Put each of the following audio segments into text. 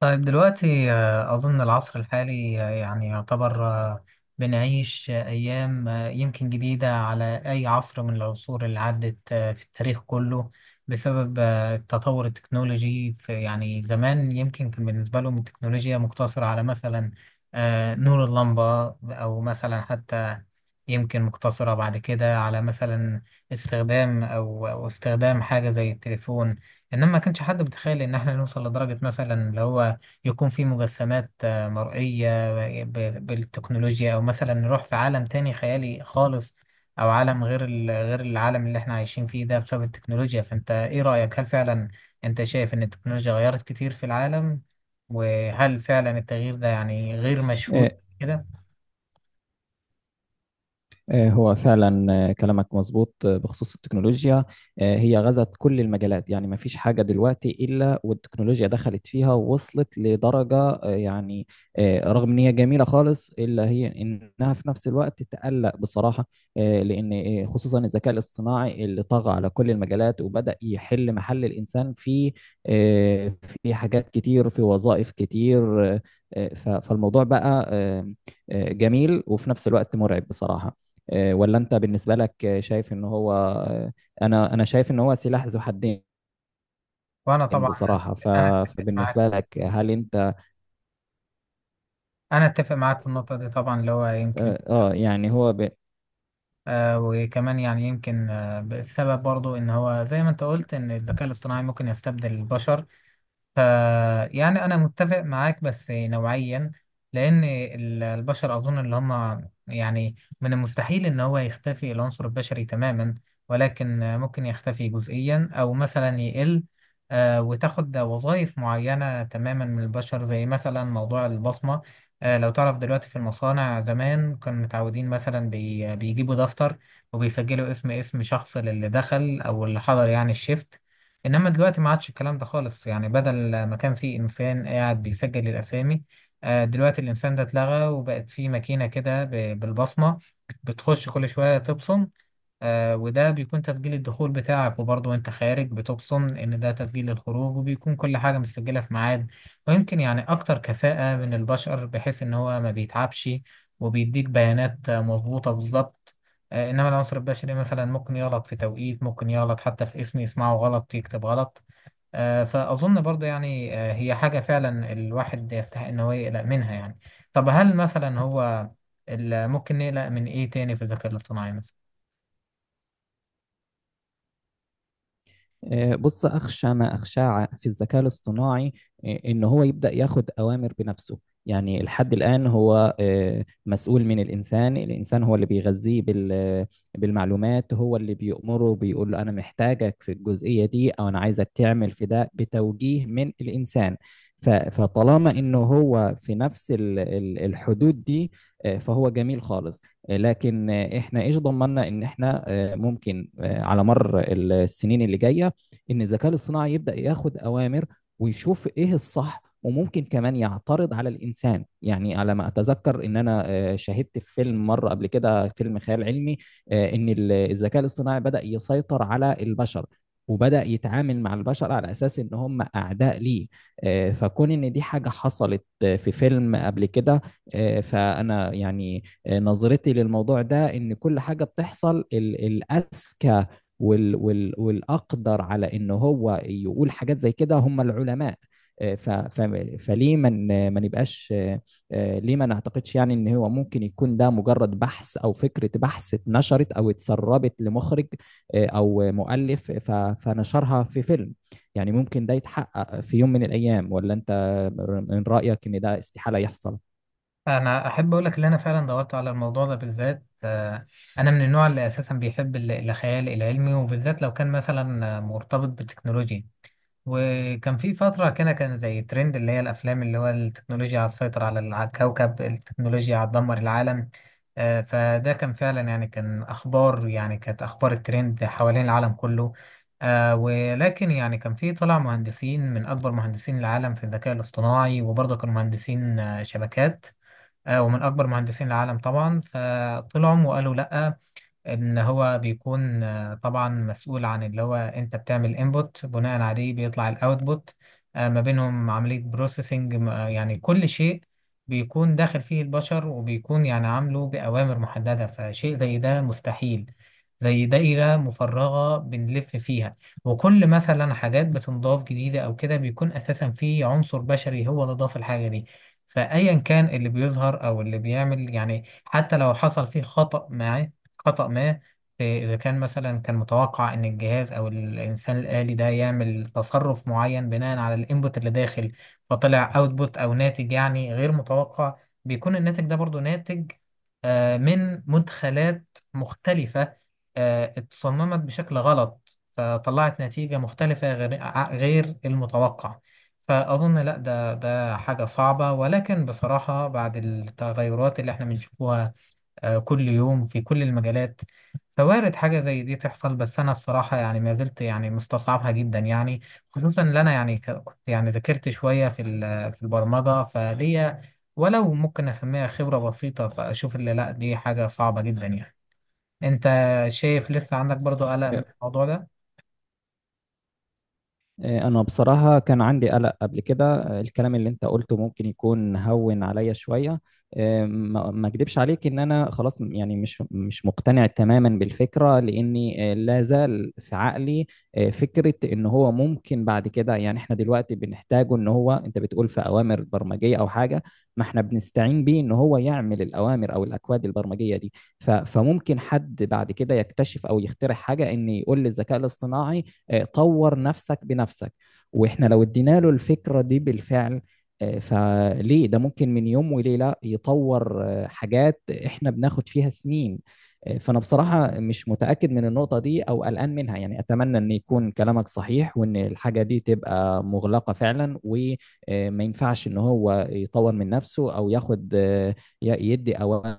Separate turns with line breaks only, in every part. طيب دلوقتي أظن العصر الحالي يعني يعتبر بنعيش أيام يمكن جديدة على أي عصر من العصور اللي عدت في التاريخ كله بسبب التطور التكنولوجي. في يعني زمان يمكن كان بالنسبة لهم التكنولوجيا مقتصرة على مثلا نور اللمبة أو مثلا حتى يمكن مقتصرة بعد كده على مثلا استخدام أو استخدام حاجة زي التليفون. إنما ما كانش حد متخيل إن إحنا نوصل لدرجة مثلا اللي هو يكون في مجسمات مرئية بالتكنولوجيا، أو مثلا نروح في عالم تاني خيالي خالص، أو عالم غير غير العالم اللي احنا عايشين فيه ده، بسبب التكنولوجيا. فأنت إيه رأيك؟ هل فعلا أنت شايف إن التكنولوجيا غيرت كتير في العالم؟ وهل فعلا التغيير ده يعني غير مشهود
آه
كده؟
هو فعلا، كلامك مظبوط بخصوص التكنولوجيا. هي غزت كل المجالات، يعني ما فيش حاجة دلوقتي إلا والتكنولوجيا دخلت فيها، ووصلت لدرجة رغم إن هي جميلة خالص إلا هي إنها في نفس الوقت تقلق بصراحة، لأن خصوصا الذكاء الاصطناعي اللي طغى على كل المجالات وبدأ يحل محل الإنسان في آه، في حاجات كتير، في وظائف كتير. فالموضوع بقى جميل وفي نفس الوقت مرعب بصراحة. ولا انت بالنسبه لك شايف ان هو انا شايف ان هو سلاح ذو حدين
وأنا طبعا
بصراحه.
أنا أتفق
فبالنسبه
معاك
لك هل انت
أنا أتفق معاك في النقطة دي طبعا، اللي هو يمكن
اه آه، يعني هو ب-
آه وكمان يعني يمكن آه السبب برضو إن هو زي ما أنت قلت، إن الذكاء الاصطناعي ممكن يستبدل البشر. ف يعني انا متفق معاك بس نوعيا، لان البشر اظن اللي هم يعني من المستحيل ان هو يختفي العنصر البشري تماما، ولكن ممكن يختفي جزئيا او مثلا يقل. وتاخد وظائف معينة تماما من البشر، زي مثلا موضوع البصمة. لو تعرف دلوقتي في المصانع، زمان كانوا متعودين مثلا بيجيبوا دفتر وبيسجلوا اسم شخص للي دخل او اللي حضر يعني الشيفت. انما دلوقتي ما عادش الكلام ده خالص، يعني بدل ما كان في انسان قاعد بيسجل الاسامي، دلوقتي الانسان ده اتلغى وبقت في ماكينه كده بالبصمه، بتخش كل شويه تبصم. آه وده بيكون تسجيل الدخول بتاعك، وبرضه وانت خارج بتبصم ان ده تسجيل الخروج، وبيكون كل حاجة متسجلة في ميعاد. ويمكن يعني اكتر كفاءة من البشر، بحيث ان هو ما بيتعبش، وبيديك بيانات مظبوطة بالظبط. آه انما العنصر البشري مثلا ممكن يغلط في توقيت، ممكن يغلط حتى في اسم، يسمعه غلط يكتب غلط. آه فأظن برضه يعني آه هي حاجة فعلا الواحد يستحق ان هو يقلق منها يعني. طب هل مثلا هو ممكن نقلق من ايه تاني في الذكاء الاصطناعي مثلا؟
بص، أخشى ما أخشاه في الذكاء الاصطناعي إن هو يبدأ ياخد أوامر بنفسه. يعني لحد الآن هو مسؤول من الإنسان، الإنسان هو اللي بيغذيه بالمعلومات، هو اللي بيأمره، بيقول له أنا محتاجك في الجزئية دي، أو أنا عايزك تعمل في ده بتوجيه من الإنسان. فطالما إنه هو في نفس الحدود دي، فهو جميل خالص. لكن احنا ايش ضمننا ان احنا ممكن على مر السنين اللي جايه ان الذكاء الاصطناعي يبدا ياخد اوامر ويشوف ايه الصح، وممكن كمان يعترض على الانسان. يعني على ما اتذكر ان انا شاهدت في فيلم مره قبل كده، فيلم خيال علمي، ان الذكاء الاصطناعي بدا يسيطر على البشر، وبدا يتعامل مع البشر على اساس ان هم اعداء ليه. فكون ان دي حاجه حصلت في فيلم قبل كده، فانا يعني نظرتي للموضوع ده ان كل حاجه بتحصل الاذكى وال وال والاقدر على ان هو يقول حاجات زي كده هم العلماء. آه، ف ف فليه من ما نبقاش ليه ما نعتقدش يعني ان هو ممكن يكون ده مجرد بحث او فكره بحث اتنشرت او اتسربت لمخرج او مؤلف فنشرها في فيلم. يعني ممكن ده يتحقق في يوم من الايام، ولا انت من رايك ان ده استحاله يحصل؟
انا احب اقول لك ان انا فعلا دورت على الموضوع ده بالذات. انا من النوع اللي اساسا بيحب الخيال العلمي، وبالذات لو كان مثلا مرتبط بالتكنولوجيا. وكان في فتره كده كان زي ترند، اللي هي الافلام اللي هو التكنولوجيا هتسيطر على على الكوكب، التكنولوجيا هتدمر العالم. فده كان فعلا يعني كان اخبار، يعني كانت اخبار الترند حوالين العالم كله. آه ولكن يعني كان في، طلع مهندسين من اكبر مهندسين العالم في الذكاء الاصطناعي، وبرضه كانوا مهندسين شبكات، ومن أكبر مهندسين العالم طبعا، فطلعوا وقالوا لأ. ان هو بيكون طبعا مسؤول عن اللي هو انت بتعمل انبوت، بناء عليه بيطلع الاوتبوت، ما بينهم عملية بروسيسنج. يعني كل شيء بيكون داخل فيه البشر، وبيكون يعني عامله بأوامر محددة، فشيء زي ده مستحيل. زي دائرة مفرغة بنلف فيها، وكل مثلا حاجات بتنضاف جديدة أو كده بيكون أساسا فيه عنصر بشري هو اللي ضاف الحاجة دي. فأيا كان اللي بيظهر أو اللي بيعمل يعني، حتى لو حصل فيه خطأ معاه، خطأ ما، إيه، إذا كان مثلا كان متوقع إن الجهاز أو الإنسان الآلي ده يعمل تصرف معين بناء على الإنبوت اللي داخل، فطلع أوتبوت أو ناتج يعني غير متوقع، بيكون الناتج ده برضو ناتج من مدخلات مختلفة، اتصممت بشكل غلط فطلعت نتيجة مختلفة غير غير المتوقع. فأظن لا، ده حاجة صعبة، ولكن بصراحة بعد التغيرات اللي احنا بنشوفها كل يوم في كل المجالات، فوارد حاجة زي دي تحصل، بس أنا الصراحة يعني ما زلت يعني مستصعبها جدا يعني. خصوصا إن أنا يعني كنت يعني ذاكرت شوية في في البرمجة، فليا ولو ممكن أسميها خبرة بسيطة، فأشوف اللي لأ دي حاجة صعبة جدا يعني. أنت شايف لسه عندك برضو قلق من الموضوع ده؟
أنا بصراحة كان عندي قلق قبل كده. الكلام اللي أنت قلته ممكن يكون هون عليا شوية، ما أكدبش عليك إن أنا خلاص يعني مش مقتنع تماما بالفكرة، لأني لا زال في عقلي فكرة إن هو ممكن بعد كده، يعني إحنا دلوقتي بنحتاجه، إن هو أنت بتقول في أوامر برمجية أو حاجة، ما إحنا بنستعين بيه إن هو يعمل الأوامر أو الأكواد البرمجية دي. فممكن حد بعد كده يكتشف أو يخترع حاجة، إن يقول للذكاء الاصطناعي طور نفسك بنفسك. واحنا لو ادينا له الفكرة دي بالفعل، فليه ده ممكن من يوم وليلة يطور حاجات احنا بناخد فيها سنين. فأنا بصراحة مش متأكد من النقطة دي أو قلقان منها، يعني أتمنى أن يكون كلامك صحيح، وأن الحاجة دي تبقى مغلقة فعلا، وما ينفعش أن هو يطور من نفسه أو ياخد يدي أوامر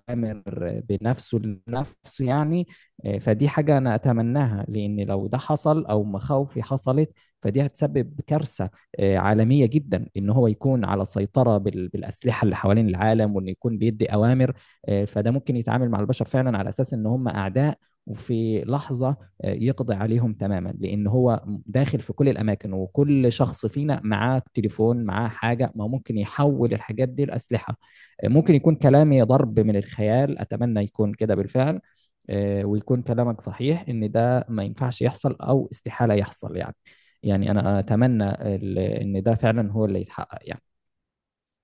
بنفسه لنفسه يعني. فدي حاجة أنا أتمناها، لأن لو ده حصل أو مخاوفي حصلت فدي هتسبب كارثة عالمية جدا، إن هو يكون على سيطرة بالأسلحة اللي حوالين العالم، وإنه يكون بيدي أوامر. فده ممكن يتعامل مع البشر فعلا على أساس إن هم أعداء، وفي لحظة يقضي عليهم تماما، لأن هو داخل في كل الأماكن، وكل شخص فينا معاه تليفون معاه حاجة، ما هو ممكن يحول الحاجات دي لأسلحة. ممكن يكون كلامي ضرب من الخيال، أتمنى يكون كده بالفعل، ويكون كلامك صحيح ان ده ما ينفعش يحصل او استحالة يحصل يعني. يعني انا اتمنى ان ده فعلا هو اللي يتحقق يعني.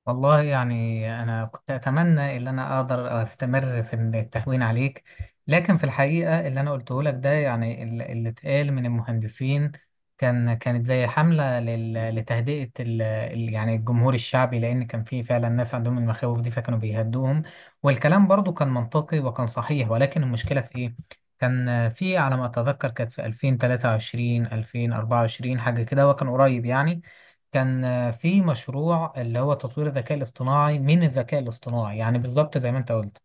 والله يعني أنا كنت أتمنى إن أنا أقدر أستمر في التهوين عليك، لكن في الحقيقة اللي أنا قلته لك ده يعني اللي اتقال من المهندسين، كانت زي حملة لتهدئة يعني الجمهور الشعبي، لأن كان في فعلا ناس عندهم المخاوف دي فكانوا بيهدوهم. والكلام برضو كان منطقي وكان صحيح، ولكن المشكلة في إيه؟ كان في على ما أتذكر كانت في 2023 2024، حاجة كده وكان قريب يعني. كان في مشروع، اللي هو تطوير الذكاء الاصطناعي من الذكاء الاصطناعي، يعني بالظبط زي ما انت قلت.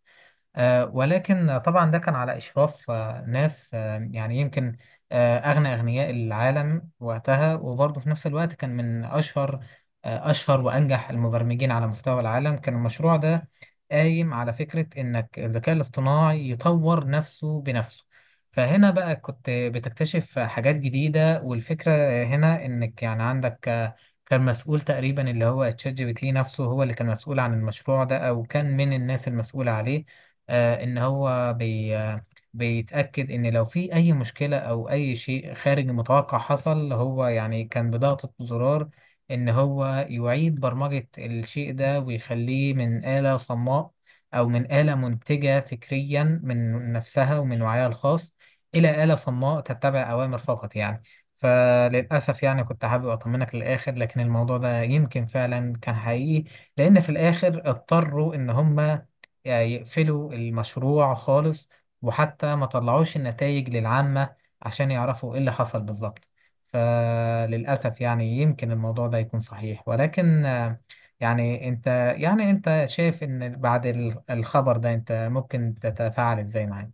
ولكن طبعا ده كان على إشراف ناس يعني يمكن أغنى أغنياء العالم وقتها، وبرضه في نفس الوقت كان من أشهر أشهر وأنجح المبرمجين على مستوى العالم. كان المشروع ده قايم على فكرة إنك الذكاء الاصطناعي يطور نفسه بنفسه، فهنا بقى كنت بتكتشف حاجات جديدة. والفكرة هنا إنك يعني عندك كان مسؤول تقريبا اللي هو تشات جي بي تي نفسه، هو اللي كان مسؤول عن المشروع ده أو كان من الناس المسؤولة عليه. ان هو بي آه، بيتأكد ان لو في اي مشكلة او اي شيء خارج المتوقع حصل، هو يعني كان بضغطة زرار ان هو يعيد برمجة الشيء ده، ويخليه من آلة صماء، او من آلة منتجة فكريا من نفسها ومن وعيها الخاص، الى آلة صماء تتبع اوامر فقط يعني. فللأسف يعني كنت حابب أطمنك للآخر، لكن الموضوع ده يمكن فعلا كان حقيقي، لأن في الآخر اضطروا إن هم يعني يقفلوا المشروع خالص، وحتى ما طلعوش النتائج للعامة عشان يعرفوا ايه اللي حصل بالظبط. فللأسف يعني يمكن الموضوع ده يكون صحيح، ولكن يعني انت شايف ان بعد الخبر ده انت ممكن تتفاعل ازاي معاه؟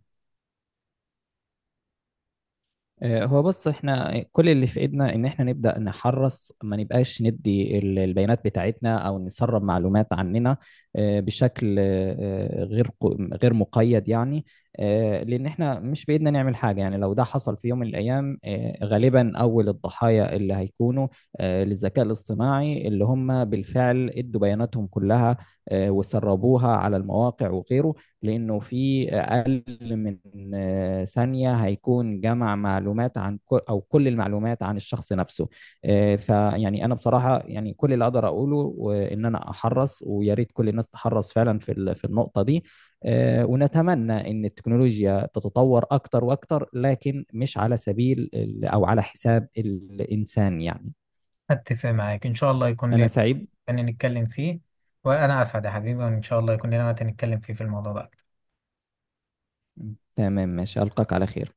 هو بص، احنا كل اللي في ايدنا ان احنا نبدا نحرص، ما نبقاش ندي البيانات بتاعتنا او نسرب معلومات عننا بشكل آه، غير ق- غير مقيد يعني. لان احنا مش بايدنا نعمل حاجه، يعني لو ده حصل في يوم من الايام غالبا اول الضحايا اللي هيكونوا للذكاء الاصطناعي اللي هم بالفعل ادوا بياناتهم كلها وسربوها على المواقع وغيره، لانه في من ثانية هيكون جمع معلومات عن كل، أو كل المعلومات عن الشخص نفسه. فيعني أنا بصراحة يعني كل اللي أقدر أقوله إن أنا أحرص، ويا ريت كل الناس تحرص فعلا في في النقطة دي. ونتمنى إن التكنولوجيا تتطور أكتر وأكتر، لكن مش على سبيل أو على حساب الإنسان يعني.
اتفق معاك، ان شاء الله يكون
أنا
لنا
سعيد.
تاني نتكلم فيه. وانا اسعد يا حبيبي، وان شاء الله يكون لنا وقت نتكلم فيه في الموضوع ده.
تمام، ماشي، ألقاك على خير.